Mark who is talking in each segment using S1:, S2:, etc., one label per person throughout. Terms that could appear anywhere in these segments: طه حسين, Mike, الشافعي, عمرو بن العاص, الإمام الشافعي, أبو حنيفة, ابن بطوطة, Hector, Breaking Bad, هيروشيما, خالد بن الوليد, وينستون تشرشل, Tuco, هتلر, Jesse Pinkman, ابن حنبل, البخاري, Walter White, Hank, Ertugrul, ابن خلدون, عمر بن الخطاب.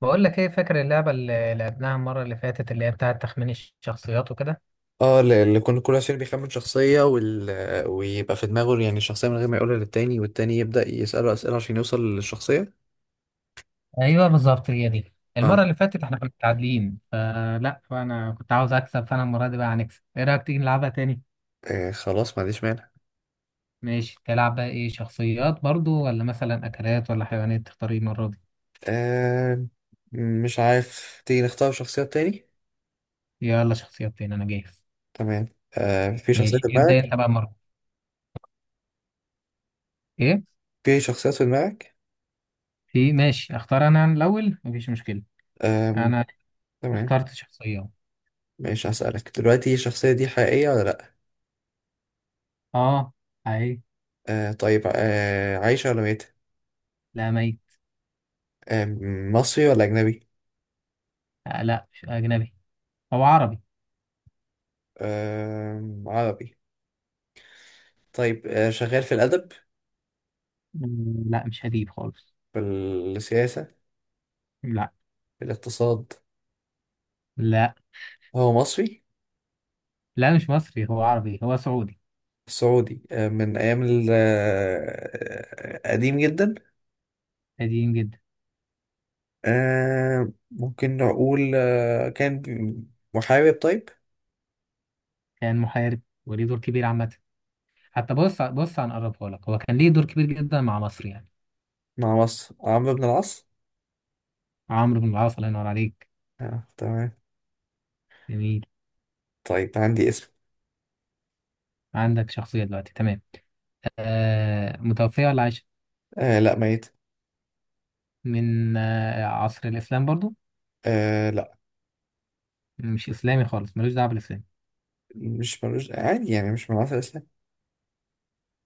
S1: بقول لك ايه، فاكر اللعبة اللي لعبناها المرة اللي فاتت اللي هي بتاعة تخمين الشخصيات وكده؟
S2: اه، اللي كل واحد فينا بيخمن شخصية ويبقى في دماغه، يعني الشخصية، من غير ما يقولها للتاني، والتاني يبدأ يسأله أسئلة عشان يوصل للشخصية.
S1: ايوه بالظبط، هي دي.
S2: اه.
S1: المرة اللي فاتت احنا كنا متعادلين فانا كنت عاوز اكسب، فانا المرة دي بقى هنكسب. ايه رأيك تيجي نلعبها تاني؟
S2: خلاص، ما عنديش مانع.
S1: ماشي، تلعب بقى ايه؟ شخصيات برضو ولا مثلا اكلات ولا حيوانات؟ تختار ايه المرة دي؟
S2: آه مش عارف، تيجي نختار شخصية تاني؟
S1: يلا شخصيات تاني، انا جاهز.
S2: تمام. في شخصية
S1: ماشي
S2: في
S1: ابدأ
S2: دماغك؟
S1: انت بقى المرة دي. ايه
S2: في شخصيات في دماغك؟
S1: في؟ ماشي اختار انا الاول، مفيش مشكلة.
S2: آه
S1: انا
S2: تمام،
S1: اخترت شخصية.
S2: ماشي. هسألك دلوقتي، الشخصية دي حقيقية ولا لأ؟
S1: اه. اهي.
S2: طيب، عايشة ولا ميتة؟
S1: لا، ميت.
S2: آه مصري ولا أجنبي؟
S1: آه لا، مش اجنبي، هو عربي.
S2: آه، عربي. طيب، شغال في الأدب؟
S1: لا مش هجيب خالص.
S2: في السياسة؟
S1: لا.
S2: في الاقتصاد؟
S1: لا.
S2: هو مصري؟
S1: لا مش مصري، هو عربي، هو سعودي.
S2: سعودي، من أيام قديم جدا.
S1: قديم جدا.
S2: ممكن نقول كان محارب طيب.
S1: كان محارب وليه دور كبير عامة. حتى بص بص، هنقربها لك، هو كان ليه دور كبير جدا مع مصر يعني.
S2: مع مصر؟ عمرو بن العاص.
S1: عمرو بن العاص، الله ينور عليك.
S2: تمام.
S1: جميل.
S2: طيب، عندي اسم.
S1: عندك شخصية دلوقتي، تمام. آه متوفية ولا عايشة؟
S2: آه، لا، ميت.
S1: من آه، عصر الإسلام برضو؟
S2: آه، لا.
S1: مش إسلامي خالص، ملوش دعوة بالإسلام؟
S2: مش ملوش عادي، يعني مش من عصر الإسلام.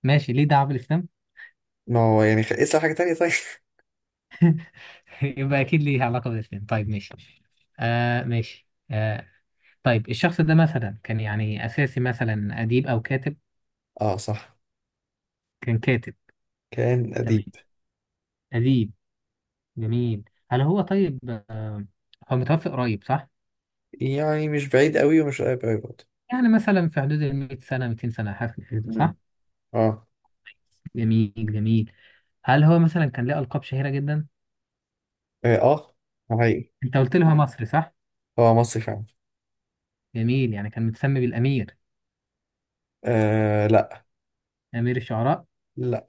S1: ماشي، ليه دعوة بالإسلام.
S2: ما هو يعني، اسأل حاجة تانية طيب.
S1: يبقى أكيد ليه علاقة بالإسلام، طيب ماشي. آه ماشي آه. طيب الشخص ده مثلا كان يعني أساسي، مثلا أديب أو كاتب؟
S2: اه، صح،
S1: كان كاتب،
S2: كان
S1: تمام.
S2: أديب.
S1: أديب، جميل. هل هو طيب؟ آه، هو متوفي قريب صح؟
S2: يعني مش بعيد قوي ومش قريب قوي برضه.
S1: يعني مثلا في حدود ال 100 سنة، 200 سنة، حاجة كده
S2: مم.
S1: صح؟
S2: اه.
S1: جميل جميل. هل هو مثلا كان ليه ألقاب شهيرة جدا؟
S2: اه، حقيقي.
S1: أنت قلت لي هو مصري صح؟
S2: هو مصري فعلا.
S1: جميل، يعني كان متسمي بالأمير؟
S2: آه، لا.
S1: أمير الشعراء؟
S2: لا.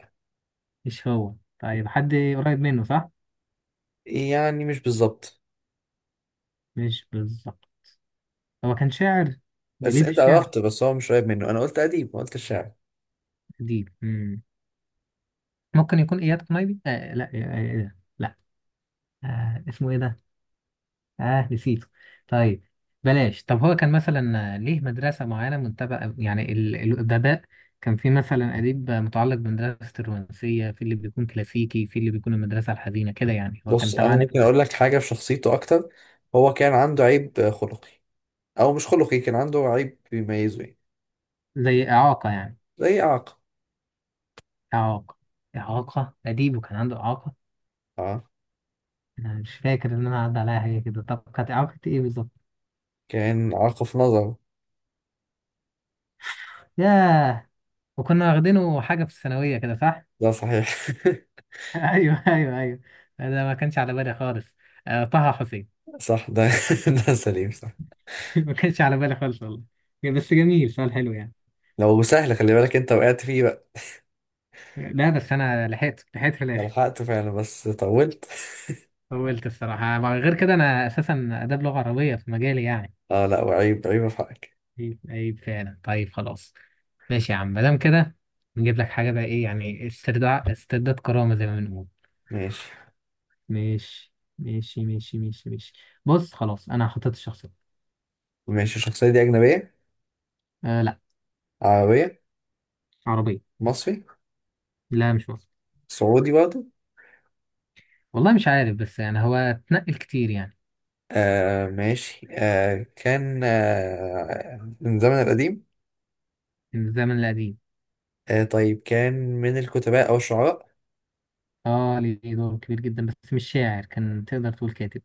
S1: مش هو؟ طيب حد قريب منه صح؟
S2: يعني مش بالظبط.
S1: مش بالظبط. هو كان شاعر؟
S2: بس
S1: بيليه في
S2: انت
S1: الشعر؟
S2: قربت، بس هو مش قريب منه. انا قلت اديب، ما قلت شاعر.
S1: أديب ممكن يكون اياد قنيبي؟ آه لا، آه آه، إيه ده؟ لا. آه اسمه ايه ده، اه نسيته. طيب بلاش. طب هو كان مثلا آه، ليه مدرسة معينة منتبه يعني الأدباء؟ كان في مثلا أديب متعلق بمدرسة الرومانسية، في اللي بيكون كلاسيكي، في اللي بيكون المدرسة الحزينة كده، يعني هو كان
S2: بص،
S1: تبع
S2: انا ممكن اقول
S1: المدرسة.
S2: لك حاجه في شخصيته اكتر. هو كان عنده عيب خلقي. او مش خلقي، كان عنده عيب بيميزه يعني.
S1: زي إعاقة يعني؟
S2: زي اعاقه.
S1: إعاقة. إعاقة، أديب وكان عنده إعاقة؟
S2: اه،
S1: أنا مش فاكر إن أنا عدى عليها هي كده. طب كانت إعاقة إيه بالظبط؟
S2: كان اعاقه في نظره.
S1: ياه. وكنا واخدينه حاجة في الثانوية كده صح؟
S2: ده صحيح.
S1: ايوه ايوه ايوه. انا ما كانش على بالي خالص. آه طه حسين.
S2: صح ده. ده سليم صح.
S1: ما كانش على بالي خالص والله. بس جميل، سؤال حلو يعني.
S2: لو سهل خلي بالك، انت وقعت فيه بقى.
S1: لا بس انا لحقت، في
S2: ده
S1: الاخر.
S2: لحقته فعلا، بس طولت.
S1: طولت الصراحه، غير كده انا اساسا اداب لغه عربيه في مجالي يعني.
S2: اه، لا، وعيب عيب في حقك.
S1: عيب عيب فعلا، طيب خلاص. ماشي يا عم، ما دام كده نجيب لك حاجه بقى. ايه يعني، استرداد، كرامه زي ما بنقول.
S2: ماشي،
S1: ماشي. ماشي ماشي ماشي ماشي. بص خلاص، انا حطيت الشخصيه.
S2: ماشي. الشخصيه دي اجنبيه؟
S1: آه لا.
S2: عربيه؟
S1: عربيه.
S2: مصري؟
S1: لا مش مصري.
S2: سعودي برضه؟
S1: والله مش عارف، بس يعني هو اتنقل كتير يعني.
S2: ماشي. كان من الزمن القديم.
S1: من الزمن القديم.
S2: طيب، كان من الكتباء أو الشعراء؟
S1: اه، ليه دور كبير جدا، بس مش شاعر، كان تقدر تقول كاتب.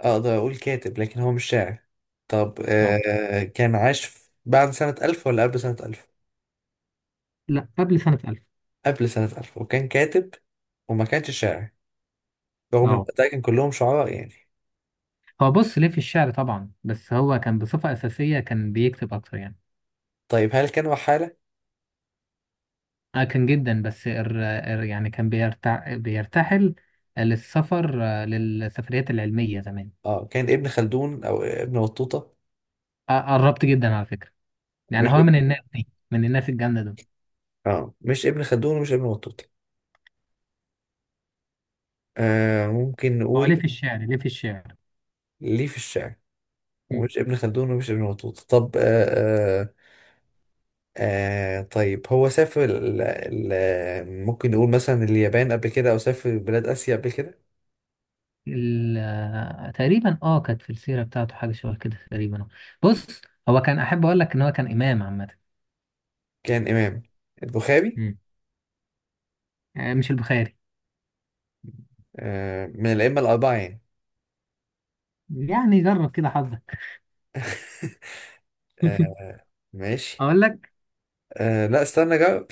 S2: أقدر أقول كاتب، لكن هو مش شاعر. طب،
S1: اه.
S2: كان عاش بعد سنة ألف ولا قبل سنة ألف؟
S1: لا قبل سنة 1000.
S2: قبل سنة ألف وكان كاتب. وما كانش شاعر. رغم إن
S1: اه.
S2: البتاع كان كلهم شعراء يعني.
S1: هو بص ليه في الشعر طبعا، بس هو كان بصفة أساسية كان بيكتب أكتر يعني.
S2: طيب، هل كان وحالة؟
S1: اه كان جدا، بس ار ار يعني كان بيرتحل للسفر، آه، للسفريات العلمية زمان.
S2: اه، كان ابن خلدون أو ابن بطوطة؟
S1: آه، قربت جدا على فكرة. يعني
S2: مش
S1: هو من
S2: ابن.
S1: الناس دي، من الناس الجامدة دول.
S2: اه، مش ابن خلدون ومش ابن بطوطة. ممكن
S1: هو ليه
S2: نقول.
S1: في الشعر، ليه في الشعر.
S2: ليه في الشعر؟ ومش ابن خلدون ومش ابن بطوطة. طب، آه طيب. هو سافر ال ممكن نقول مثلا اليابان قبل كده، أو سافر بلاد آسيا قبل كده؟
S1: تقريبا اه، كانت في السيرة بتاعته حاجة شبه كده تقريبا. بص هو كان، أحب أقول لك إن هو كان إمام عامة.
S2: كان إمام؟ البخاري؟
S1: مم. آه، مش البخاري.
S2: من الأئمة الأربعة يعني؟
S1: يعني جرب كده حظك.
S2: آه ماشي.
S1: أقول لك.
S2: لا، استنى جاوب.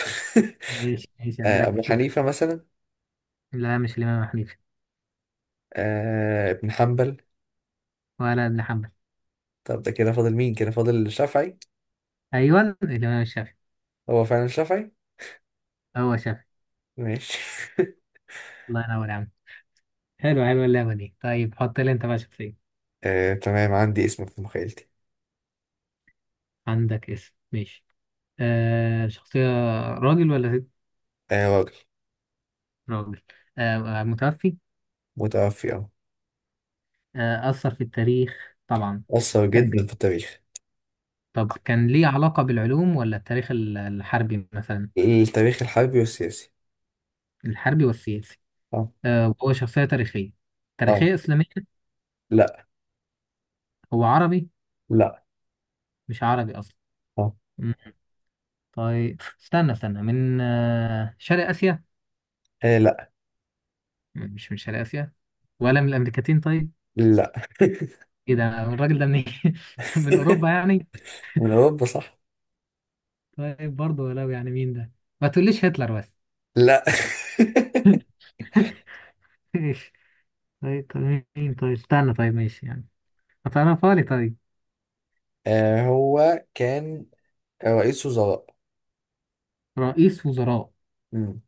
S1: ماشي ماشي، هدي لك
S2: أبو
S1: فرصتك.
S2: حنيفة مثلا؟
S1: لا مش الإمام حنيفة.
S2: ابن حنبل؟
S1: ولا ابن حنبل.
S2: طب، ده كده فاضل مين؟ كده فاضل الشافعي.
S1: أيوه الإمام الشافعي.
S2: هو فعلا الشافعي.
S1: هو شافعي.
S2: ماشي.
S1: الله ينور يا عم. حلو حلو اللعبة دي. طيب حط لي أنت بقى شخصية.
S2: تمام. عندي اسم في مخيلتي.
S1: عندك اسم، ماشي. آه شخصية. راجل ولا ست؟
S2: آه، راجل.
S1: راجل. آه متوفي.
S2: متوفي، اه.
S1: آه أثر في التاريخ طبعا.
S2: أثر جدا في التاريخ.
S1: طب كان ليه علاقة بالعلوم ولا التاريخ الحربي مثلا؟
S2: التاريخ الحربي والسياسي.
S1: الحربي والسياسي.
S2: اه.
S1: آه وهو شخصية تاريخية.
S2: اه.
S1: تاريخية إسلامية.
S2: لا.
S1: هو عربي.
S2: لا.
S1: مش عربي أصلا.
S2: اه.
S1: مم. طيب استنى استنى، من آه، شرق آسيا؟
S2: إيه، لا.
S1: مش من شرق آسيا. ولا من الأمريكتين طيب؟
S2: لا.
S1: إيه ده، الراجل ده منين؟ من أوروبا يعني؟
S2: من أوروبا، صح.
S1: طيب برضه، ولو يعني مين ده؟ ما تقوليش هتلر بس.
S2: لا.
S1: ماشي. طيب طيب مين، طيب استنى، طيب ماشي يعني، هتعرفها لي طيب.
S2: هو كان رئيس وزراء.
S1: رئيس وزراء.
S2: مم.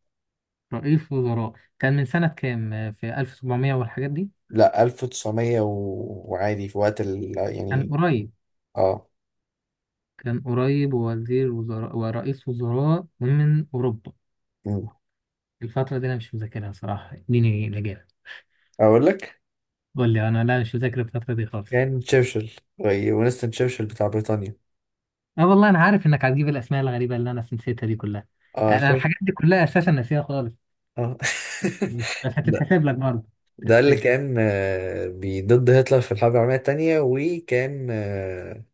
S1: رئيس وزراء. كان من سنة كام، في 1700 والحاجات دي؟
S2: لا، 1900 وعادي في وقت
S1: كان
S2: يعني.
S1: قريب.
S2: اه.
S1: ووزير وزراء ورئيس وزراء من أوروبا.
S2: مم.
S1: الفترة دي أنا مش مذاكرها صراحة، اديني الإجابة.
S2: أقول لك.
S1: قول لي أنا، لا مش مذاكر الفترة دي خالص.
S2: كان تشرشل. وينستون تشرشل بتاع بريطانيا.
S1: أه والله أنا عارف إنك هتجيب الأسماء الغريبة اللي أنا نسيتها دي كلها.
S2: اه،
S1: أنا
S2: شيء.
S1: الحاجات دي كلها أساسا ناسيها خالص.
S2: اه.
S1: ماشي، بس
S2: لا.
S1: هتتحسب لك برضه.
S2: ده
S1: هتتحسب
S2: اللي
S1: لك.
S2: كان ضد هتلر في الحرب العالمية التانية، وكان آه،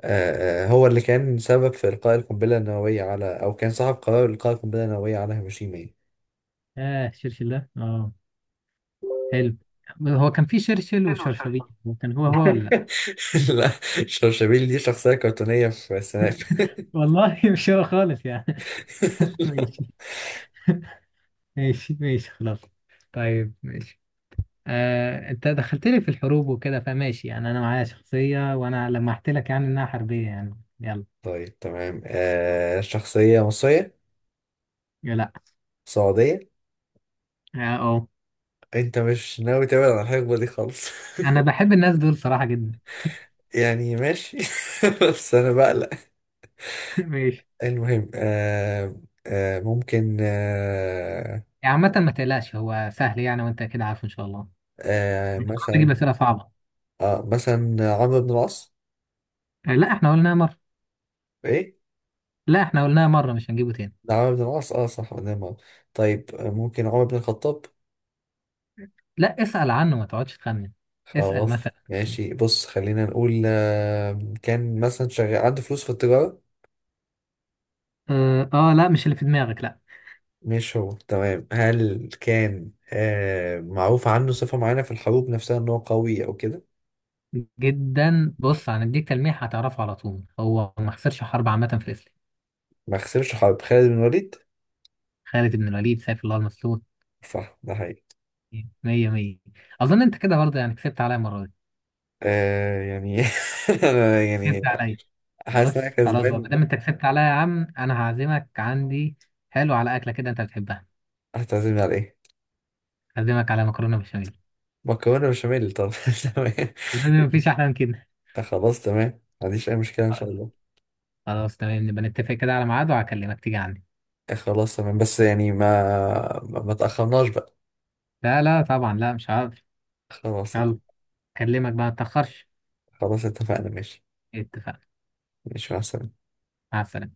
S2: آه، آه، هو اللي كان سبب في إلقاء القنبلة النووية على، أو كان صاحب قرار إلقاء القنبلة النووية على هيروشيما يعني.
S1: آه شرشل ده، أه. حلو. هو كان في شرشل وشرشبيل، هو كان هو هو ولا لأ؟
S2: لا. شرشبيل دي شخصية كرتونية في السناب.
S1: والله مش هو خالص يعني. ماشي. ماشي ماشي خلاص. طيب ماشي. آه، انت دخلت لي في الحروب وكده، فماشي يعني انا معايا شخصية وانا لمحت لك يعني انها حربية يعني، يلا.
S2: طيب، تمام. شخصية مصرية؟
S1: يا لا.
S2: سعودية؟
S1: اه أه.
S2: أنت مش ناوي تبعد عن الحقبة دي خالص.
S1: انا بحب الناس دول صراحة جدا.
S2: يعني ماشي، بس أنا بقلق.
S1: ماشي.
S2: المهم، ممكن،
S1: يعني عامة ما تقلقش، هو سهل يعني وانت كده عارفه ان شاء الله.
S2: آه
S1: انت
S2: مثلا
S1: بتجيب اسئلة صعبة.
S2: مثلا عمرو بن العاص.
S1: آه، لا احنا قلناها مرة.
S2: ايه
S1: مش هنجيبه تاني.
S2: ده عمرو بن العاص، اه، صح، قدام عمرو. طيب، ممكن عمر بن الخطاب؟
S1: لا اسأل عنه، ما تقعدش تخمن. اسأل
S2: خلاص.
S1: مثلا.
S2: ماشي، بص خلينا نقول كان مثلا شغال عنده فلوس في التجارة.
S1: اه آه، لا مش اللي في دماغك، لا.
S2: مش هو، تمام. هل كان معروف عنه صفة معينة في الحروب نفسها، ان هو قوي او كده؟
S1: جدا، بص هنديك تلميح هتعرفه على طول، هو ما خسرش حرب عامة في الإسلام.
S2: ما خسرش حرب. خالد بن الوليد.
S1: خالد بن الوليد، سيف الله المسلول.
S2: صح، ده حقيقي.
S1: مية مية. أظن أنت كده برضه يعني كسبت عليا المرة دي.
S2: آه، يعني. أنا يعني.
S1: كسبت عليا.
S2: حاسس ان انا
S1: بس خلاص بقى،
S2: كسبان.
S1: مادام أنت كسبت عليا يا عم أنا هعزمك عندي. حلو، على أكلة كده أنت بتحبها.
S2: هتعزمني على ايه؟
S1: هعزمك على مكرونة بشاميل.
S2: مكرونة بشاميل؟ طب، تمام.
S1: ما مفيش أحلى من كده.
S2: خلاص، تمام، ما عنديش اي مشكله ان شاء الله.
S1: خلاص تمام، نبقى نتفق كده على ميعاد وهكلمك تيجي عندي.
S2: خلاص، تمام، بس يعني، ما تاخرناش بقى.
S1: لا لا طبعا، لا مش هقدر.
S2: خلاص.
S1: يلا. أكلمك بقى، ما تأخرش.
S2: خلاص، اتفقنا، ماشي.
S1: اتفقنا.
S2: ماشي، مع السلامه.
S1: مع السلامة.